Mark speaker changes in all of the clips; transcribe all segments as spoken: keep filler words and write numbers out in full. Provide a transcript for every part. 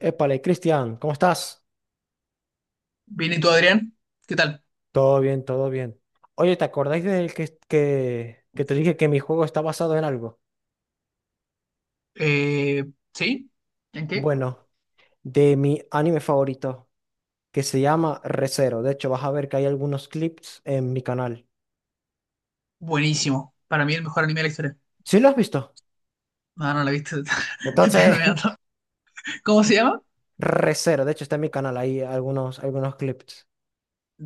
Speaker 1: Épale, Cristian, ¿cómo estás?
Speaker 2: Bien, ¿y tú, Adrián? ¿Qué tal?
Speaker 1: Todo bien, todo bien. Oye, ¿te acordáis del que, que, que te dije que mi juego está basado en algo?
Speaker 2: Eh, ¿sí? ¿En qué?
Speaker 1: Bueno, de mi anime favorito, que se llama Re:Zero. De hecho, vas a ver que hay algunos clips en mi canal.
Speaker 2: Buenísimo. Para mí el mejor anime de la historia.
Speaker 1: ¿Sí lo has visto?
Speaker 2: No, no la viste. Te estoy
Speaker 1: Entonces,
Speaker 2: enredando. ¿Cómo se llama?
Speaker 1: Re:Zero, de hecho, está en mi canal, hay algunos, algunos clips.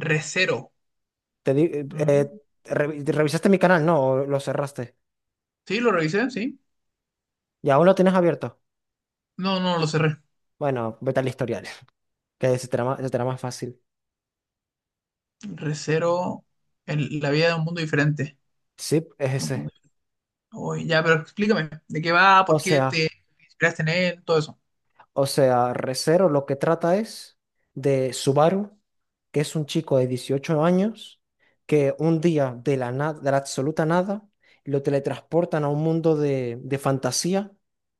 Speaker 2: Rezero.
Speaker 1: Te di- eh,
Speaker 2: Mm.
Speaker 1: eh, revi- ¿Revisaste mi canal? No. ¿O lo cerraste?
Speaker 2: Sí, lo revisé, sí.
Speaker 1: ¿Y aún lo tienes abierto?
Speaker 2: No, no lo cerré.
Speaker 1: Bueno, vete al historial, que se te hará más se te hará más fácil.
Speaker 2: Rezero, el- la vida de un mundo diferente.
Speaker 1: Sí, es
Speaker 2: Un
Speaker 1: ese.
Speaker 2: mundo- Uy, ya, pero explícame. ¿De qué va?
Speaker 1: O
Speaker 2: ¿Por qué te
Speaker 1: sea.
Speaker 2: inspiraste en él? Todo eso.
Speaker 1: O sea, Re:Zero lo que trata es de Subaru, que es un chico de dieciocho años, que un día de la nada, de la absoluta nada, lo teletransportan a un mundo de, de fantasía,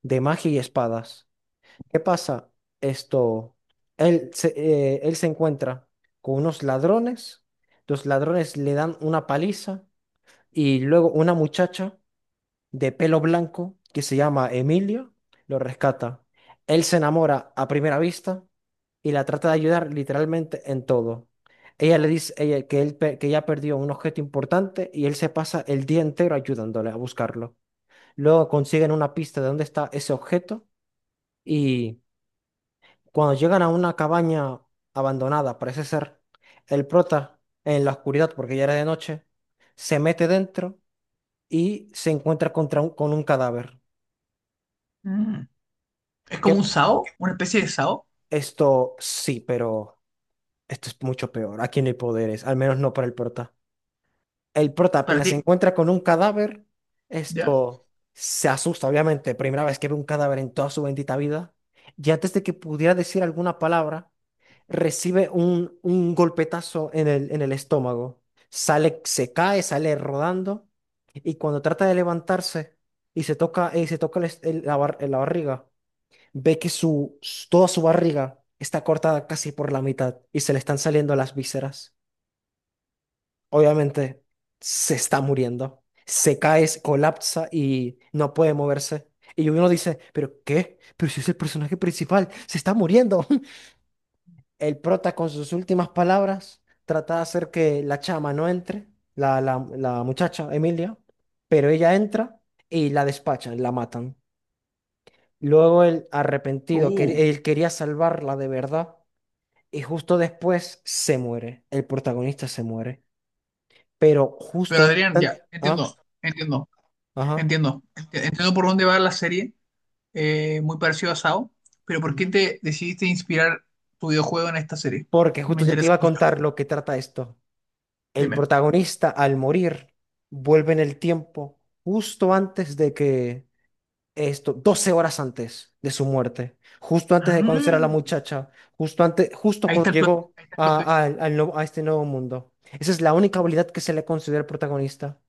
Speaker 1: de magia y espadas. ¿Qué pasa? Esto, él se, eh, él se encuentra con unos ladrones, los ladrones le dan una paliza y luego una muchacha de pelo blanco que se llama Emilio, lo rescata. Él se enamora a primera vista y la trata de ayudar literalmente en todo. Ella le dice ella, que, él, pe- que ella perdió un objeto importante y él se pasa el día entero ayudándole a buscarlo. Luego consiguen una pista de dónde está ese objeto y cuando llegan a una cabaña abandonada, parece ser, el prota en la oscuridad, porque ya era de noche, se mete dentro y se encuentra contra un- con un cadáver.
Speaker 2: Mm. ¿Es
Speaker 1: ¿Qué,
Speaker 2: como un SAO? ¿Una especie de SAO?
Speaker 1: Esto sí, pero esto es mucho peor. Aquí no hay poderes, al menos no para el prota. El prota
Speaker 2: ¿Para
Speaker 1: apenas
Speaker 2: ti?
Speaker 1: se encuentra con un cadáver,
Speaker 2: ¿Ya?
Speaker 1: esto se asusta, obviamente. Primera vez que ve un cadáver en toda su bendita vida. Y antes de que pudiera decir alguna palabra, recibe un, un golpetazo en el, en el estómago. Sale, se cae, sale rodando. Y cuando trata de levantarse y se toca, y se toca el est- el- la bar- la barriga, ve que su, s- toda su barriga está cortada casi por la mitad y se le están saliendo las vísceras. Obviamente se está muriendo. Se cae, se colapsa y no puede moverse. Y uno dice, ¿pero qué? Pero si es el personaje principal, se está muriendo. El prota con sus últimas palabras trata de hacer que la chama no entre, la, la, la muchacha, Emilia, pero ella entra y la despachan, la matan. Luego el arrepentido, que
Speaker 2: Uh.
Speaker 1: él quería salvarla de verdad, y justo después se muere, el protagonista se muere, pero justo
Speaker 2: Pero
Speaker 1: un
Speaker 2: Adrián, ya.
Speaker 1: instante-
Speaker 2: Entiendo.
Speaker 1: ah,
Speaker 2: Entiendo.
Speaker 1: ajá,
Speaker 2: Entiendo, Ent- entiendo por dónde va la serie, eh, muy parecido a SAO, pero ¿por qué
Speaker 1: ujú.
Speaker 2: te decidiste inspirar tu videojuego en esta serie?
Speaker 1: Porque
Speaker 2: Me
Speaker 1: justo ya te
Speaker 2: interesa
Speaker 1: iba a
Speaker 2: mucho,
Speaker 1: contar lo que trata esto. El
Speaker 2: dime.
Speaker 1: protagonista al morir vuelve en el tiempo justo antes de que esto, doce horas antes de su muerte, justo antes
Speaker 2: Ah,
Speaker 1: de conocer a la muchacha, justo antes, justo
Speaker 2: ahí
Speaker 1: cuando
Speaker 2: está el plot,
Speaker 1: llegó
Speaker 2: ahí está el
Speaker 1: a,
Speaker 2: plot twist.
Speaker 1: a- al- al nuevo- a este nuevo mundo. Esa es la única habilidad que se le considera al protagonista.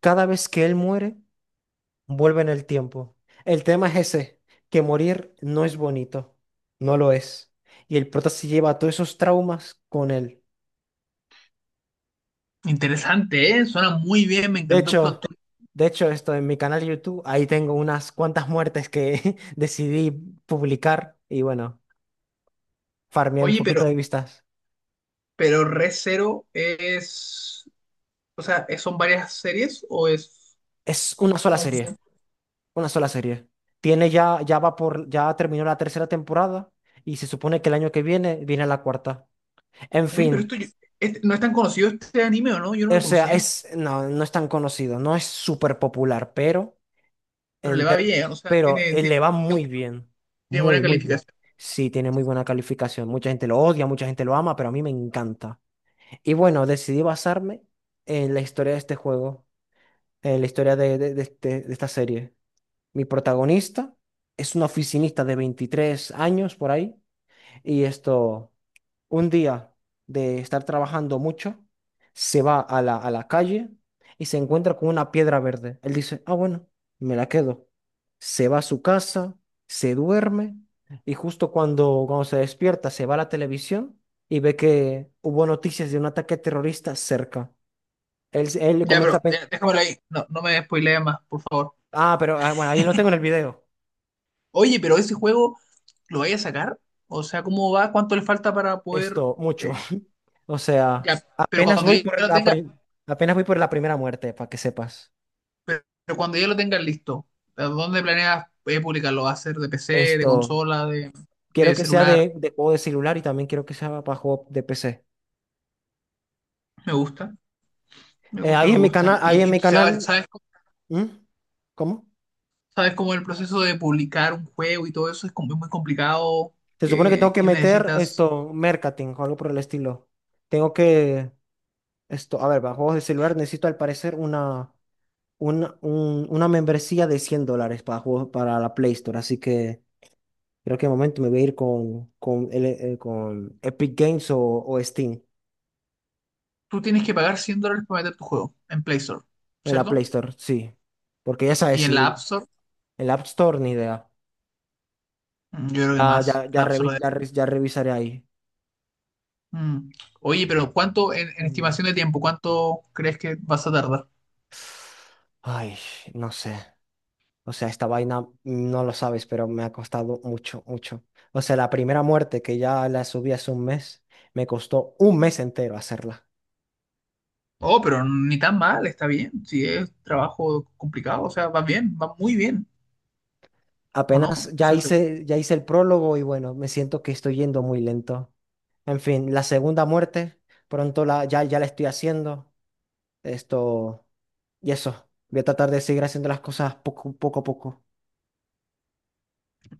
Speaker 1: Cada vez que él muere, vuelve en el tiempo. El tema es ese, que morir no es bonito, no lo es. Y el prota se lleva todos esos traumas con él.
Speaker 2: Interesante, ¿eh? Suena muy bien, me
Speaker 1: De
Speaker 2: encantó el plot
Speaker 1: hecho,
Speaker 2: twist.
Speaker 1: de hecho, esto en mi canal de YouTube, ahí tengo unas cuantas muertes que decidí publicar y bueno, farmeé un
Speaker 2: Oye,
Speaker 1: poquito
Speaker 2: pero,
Speaker 1: de vistas.
Speaker 2: pero Re Zero es, o sea, ¿es- ¿son varias series o es...
Speaker 1: Es
Speaker 2: como-
Speaker 1: una sola serie, una sola serie. Tiene ya, ya va por, ya terminó la tercera temporada y se supone que el año que viene viene la cuarta. En
Speaker 2: Oye, pero
Speaker 1: fin.
Speaker 2: esto, yo- este- no es tan conocido este anime, ¿o no? Yo no
Speaker 1: O
Speaker 2: lo
Speaker 1: sea,
Speaker 2: conocía,
Speaker 1: es, no, no es tan conocido, no es súper popular, pero,
Speaker 2: pero le
Speaker 1: en
Speaker 2: va
Speaker 1: ter-
Speaker 2: bien, o sea,
Speaker 1: pero
Speaker 2: tiene,
Speaker 1: eh,
Speaker 2: tiene,
Speaker 1: le va muy bien.
Speaker 2: tiene buena
Speaker 1: Muy, muy bien.
Speaker 2: calificación.
Speaker 1: Sí, tiene muy buena calificación. Mucha gente lo odia, mucha gente lo ama, pero a mí me encanta. Y bueno, decidí basarme en la historia de este juego, en la historia de, de- de este- de esta serie. Mi protagonista es una oficinista de veintitrés años por ahí, y esto un día de estar trabajando mucho, se va a la, a la calle y se encuentra con una piedra verde. Él dice, ah, bueno, me la quedo. Se va a su casa, se duerme y justo cuando, cuando se despierta se va a la televisión y ve que hubo noticias de un ataque terrorista cerca. Él, él
Speaker 2: Ya,
Speaker 1: comienza
Speaker 2: pero
Speaker 1: a pensar,
Speaker 2: ya, déjamelo ahí. No, no me spoilees más, por favor.
Speaker 1: ah, pero ah, bueno, ahí lo tengo en el video.
Speaker 2: Oye, pero ese juego, ¿lo vais a sacar? O sea, ¿cómo va? ¿Cuánto le falta para poder...?
Speaker 1: Esto, mucho.
Speaker 2: eh,
Speaker 1: O sea,
Speaker 2: ya, pero
Speaker 1: apenas
Speaker 2: cuando
Speaker 1: voy
Speaker 2: ya
Speaker 1: por
Speaker 2: lo
Speaker 1: la,
Speaker 2: tenga,
Speaker 1: pri- apenas voy por la primera muerte, para que sepas.
Speaker 2: pero cuando ya lo tengas listo, ¿a ¿dónde planeas eh, publicarlo? ¿Va a ser de P C, de
Speaker 1: Esto.
Speaker 2: consola, de,
Speaker 1: Quiero
Speaker 2: de
Speaker 1: que sea
Speaker 2: celular?
Speaker 1: de, de juego de celular y también quiero que sea para juego de P C.
Speaker 2: Me gusta, me
Speaker 1: Eh,
Speaker 2: gusta,
Speaker 1: ahí
Speaker 2: me
Speaker 1: en mi
Speaker 2: gusta.
Speaker 1: canal, ahí en
Speaker 2: ¿Y, y
Speaker 1: mi
Speaker 2: sabes,
Speaker 1: canal.
Speaker 2: sabes, cómo-
Speaker 1: ¿Mm? ¿Cómo?
Speaker 2: sabes cómo el proceso de publicar un juego y todo eso es como muy complicado?
Speaker 1: Se supone que tengo
Speaker 2: Que,
Speaker 1: que
Speaker 2: que
Speaker 1: meter
Speaker 2: necesitas?
Speaker 1: esto, marketing o algo por el estilo. Tengo que, esto, a ver, para juegos de celular necesito al parecer una, una, un- una membresía de cien dólares para juegos, para la Play Store. Así que creo que de momento me voy a ir con, con, el- eh, con Epic Games o, o Steam
Speaker 2: Tú tienes que pagar cien dólares para meter tu juego en Play Store,
Speaker 1: en la Play
Speaker 2: ¿cierto?
Speaker 1: Store, sí. Porque ya sabes,
Speaker 2: Y en la
Speaker 1: si
Speaker 2: App Store,
Speaker 1: el App Store ni idea.
Speaker 2: mm, yo creo
Speaker 1: Ya,
Speaker 2: que
Speaker 1: ya,
Speaker 2: más.
Speaker 1: ya,
Speaker 2: La App
Speaker 1: revi-
Speaker 2: Store
Speaker 1: ya, re- ya revisaré ahí.
Speaker 2: de- Mm. Oye, pero ¿cuánto en, en
Speaker 1: Mm.
Speaker 2: estimación de tiempo? ¿Cuánto crees que vas a tardar?
Speaker 1: Ay, no sé. O sea, esta vaina mm, no lo sabes, pero me ha costado mucho, mucho. O sea, la primera muerte que ya la subí hace un mes, me costó un mes entero hacerla.
Speaker 2: Oh, pero ni tan mal, está bien. Si es trabajo complicado, o sea, va bien, va muy bien, ¿o
Speaker 1: Apenas
Speaker 2: no? O
Speaker 1: ya
Speaker 2: sea, se-
Speaker 1: hice, ya hice el prólogo y bueno, me siento que estoy yendo muy lento. En fin, la segunda muerte, pronto la, ya, ya la estoy haciendo. Esto y eso. Voy a tratar de seguir haciendo las cosas poco, poco a poco.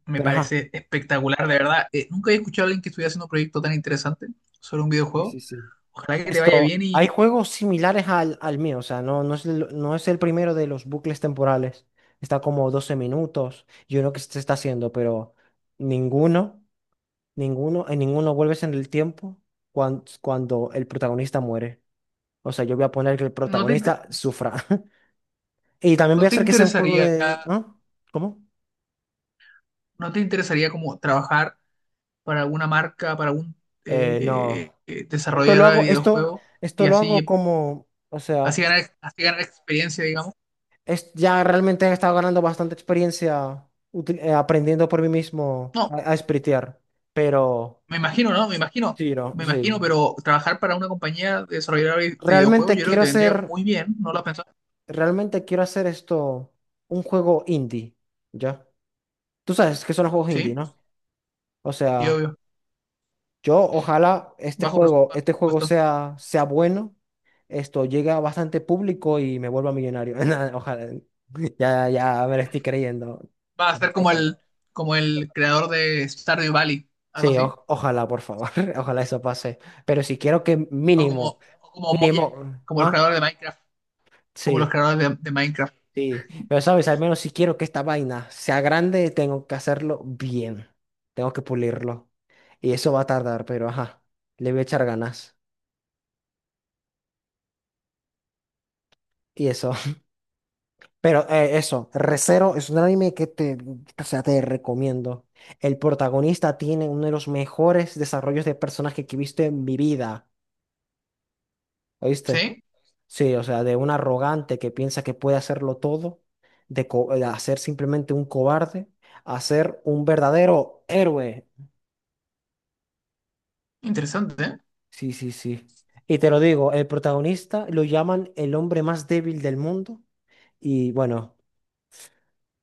Speaker 2: Me
Speaker 1: Pero ajá.
Speaker 2: parece espectacular, de verdad. Eh, nunca he escuchado a alguien que estuviera haciendo un proyecto tan interesante sobre un
Speaker 1: Sí,
Speaker 2: videojuego.
Speaker 1: sí, sí.
Speaker 2: Ojalá que te vaya
Speaker 1: Esto,
Speaker 2: bien
Speaker 1: hay
Speaker 2: y
Speaker 1: juegos similares al, al mío, o sea, no, no es el, no es el primero de los bucles temporales. Está como doce minutos y uno que se está haciendo, pero ninguno, ninguno, en ninguno vuelves en el tiempo cuando, cuando el protagonista muere. O sea, yo voy a poner que el
Speaker 2: no te, inter-
Speaker 1: protagonista sufra. Y también voy
Speaker 2: no
Speaker 1: a
Speaker 2: te
Speaker 1: hacer que sea un juego
Speaker 2: interesaría,
Speaker 1: de... ¿No? ¿Cómo?
Speaker 2: no te interesaría como trabajar para alguna marca, para algún
Speaker 1: Eh, no.
Speaker 2: eh, eh,
Speaker 1: Esto lo
Speaker 2: desarrollador de
Speaker 1: hago, esto,
Speaker 2: videojuegos
Speaker 1: esto
Speaker 2: y
Speaker 1: lo hago
Speaker 2: así,
Speaker 1: como, o sea,
Speaker 2: así ganar, así ganar experiencia, digamos.
Speaker 1: es, ya realmente he estado ganando bastante experiencia util- eh, aprendiendo por mí mismo
Speaker 2: No,
Speaker 1: a, a spritear. Pero
Speaker 2: me imagino, ¿no? Me imagino,
Speaker 1: sí, no,
Speaker 2: me
Speaker 1: sí.
Speaker 2: imagino, pero trabajar para una compañía desarrolladora de de videojuegos
Speaker 1: Realmente
Speaker 2: yo creo que
Speaker 1: quiero
Speaker 2: te
Speaker 1: hacer,
Speaker 2: vendría muy bien, ¿no lo has pensado?
Speaker 1: realmente quiero hacer esto un juego indie, ¿ya? Tú sabes que son los juegos indie,
Speaker 2: Sí,
Speaker 1: ¿no? O
Speaker 2: sí,
Speaker 1: sea,
Speaker 2: obvio.
Speaker 1: yo ojalá este
Speaker 2: Bajo presu-
Speaker 1: juego,
Speaker 2: bajo
Speaker 1: este juego
Speaker 2: presupuesto.
Speaker 1: sea, sea bueno, esto llegue a bastante público y me vuelva millonario. Nada, ojalá. Ya, ya me lo estoy creyendo.
Speaker 2: Va a ser como
Speaker 1: Ojalá.
Speaker 2: el, como el creador de Stardew Valley, algo
Speaker 1: Sí,
Speaker 2: así.
Speaker 1: o- ojalá, por favor, ojalá eso pase. Pero si quiero que
Speaker 2: O como,
Speaker 1: mínimo,
Speaker 2: o como Mojang,
Speaker 1: mínimo,
Speaker 2: como el
Speaker 1: ah,
Speaker 2: creador de Minecraft, como los
Speaker 1: sí,
Speaker 2: creadores de, de Minecraft.
Speaker 1: sí. Pero sabes, al menos si quiero que esta vaina sea grande, tengo que hacerlo bien. Tengo que pulirlo. Y eso va a tardar, pero ajá, le voy a echar ganas. Y eso. Pero eh, eso, Re:Zero es un anime que te, o sea, te recomiendo. El protagonista tiene uno de los mejores desarrollos de personaje que he visto en mi vida. ¿Oíste?
Speaker 2: ¿Sí?
Speaker 1: Sí, o sea, de un arrogante que piensa que puede hacerlo todo, de, co- de hacer simplemente un cobarde, a ser un verdadero héroe.
Speaker 2: Interesante, ¿eh?
Speaker 1: Sí, sí, sí. Y te lo digo, el protagonista lo llaman el hombre más débil del mundo y bueno,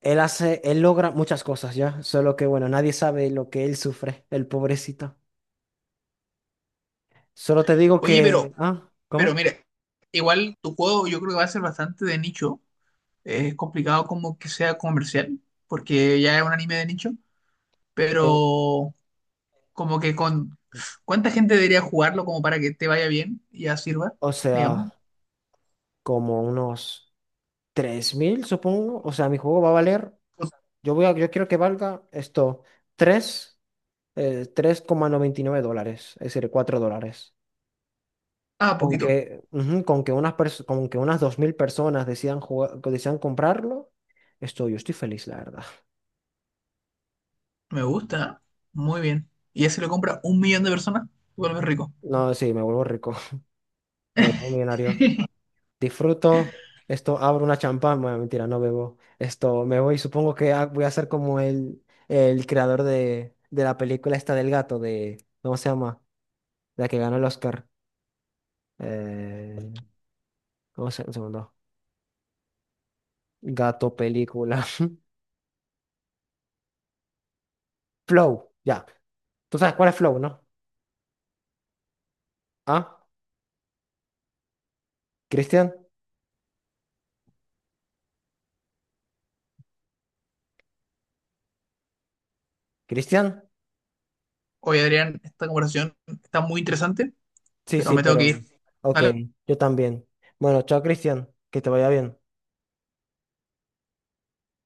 Speaker 1: él hace, él logra muchas cosas ya, solo que bueno, nadie sabe lo que él sufre, el pobrecito. Solo te digo
Speaker 2: Oye, pero
Speaker 1: que, ah,
Speaker 2: Pero
Speaker 1: ¿cómo?
Speaker 2: mire, igual tu juego yo creo que va a ser bastante de nicho. Es complicado como que sea comercial, porque ya es un anime de nicho,
Speaker 1: Eh,
Speaker 2: pero como que con... ¿Cuánta gente debería jugarlo como para que te vaya bien y ya sirva,
Speaker 1: o
Speaker 2: digamos?
Speaker 1: sea, como unos tres mil supongo. O sea, mi juego va a valer. Yo voy a, yo quiero que valga esto, tres, eh, tres coma noventa y nueve dólares, es decir, cuatro dólares.
Speaker 2: Ah,
Speaker 1: Con
Speaker 2: poquito.
Speaker 1: que, ujú, con que unas pers- con que unas dos mil personas decidan jugar, que decidan comprarlo, estoy, yo estoy feliz, la verdad.
Speaker 2: Me gusta. Muy bien. Y ese lo compra un millón de personas, vuelve rico.
Speaker 1: No, sí, me vuelvo rico, me vuelvo millonario. Disfruto, esto, abro una champán, bueno, mentira, no bebo. Esto, me voy, supongo que ha- voy a ser como el, el creador de, de la película esta del gato, de, ¿cómo se llama? La que ganó el Oscar. Eh, ¿Cómo se un segundo? Gato, película. Flow, ya. ¿Tú sabes cuál es Flow, no? ¿Ah? ¿Cristian? ¿Cristian?
Speaker 2: Oye, Adrián, esta conversación está muy interesante,
Speaker 1: Sí,
Speaker 2: pero
Speaker 1: sí,
Speaker 2: me tengo que
Speaker 1: pero...
Speaker 2: ir.
Speaker 1: Ok,
Speaker 2: ¿Vale?
Speaker 1: yo también. Bueno, chao, Cristian. Que te vaya bien.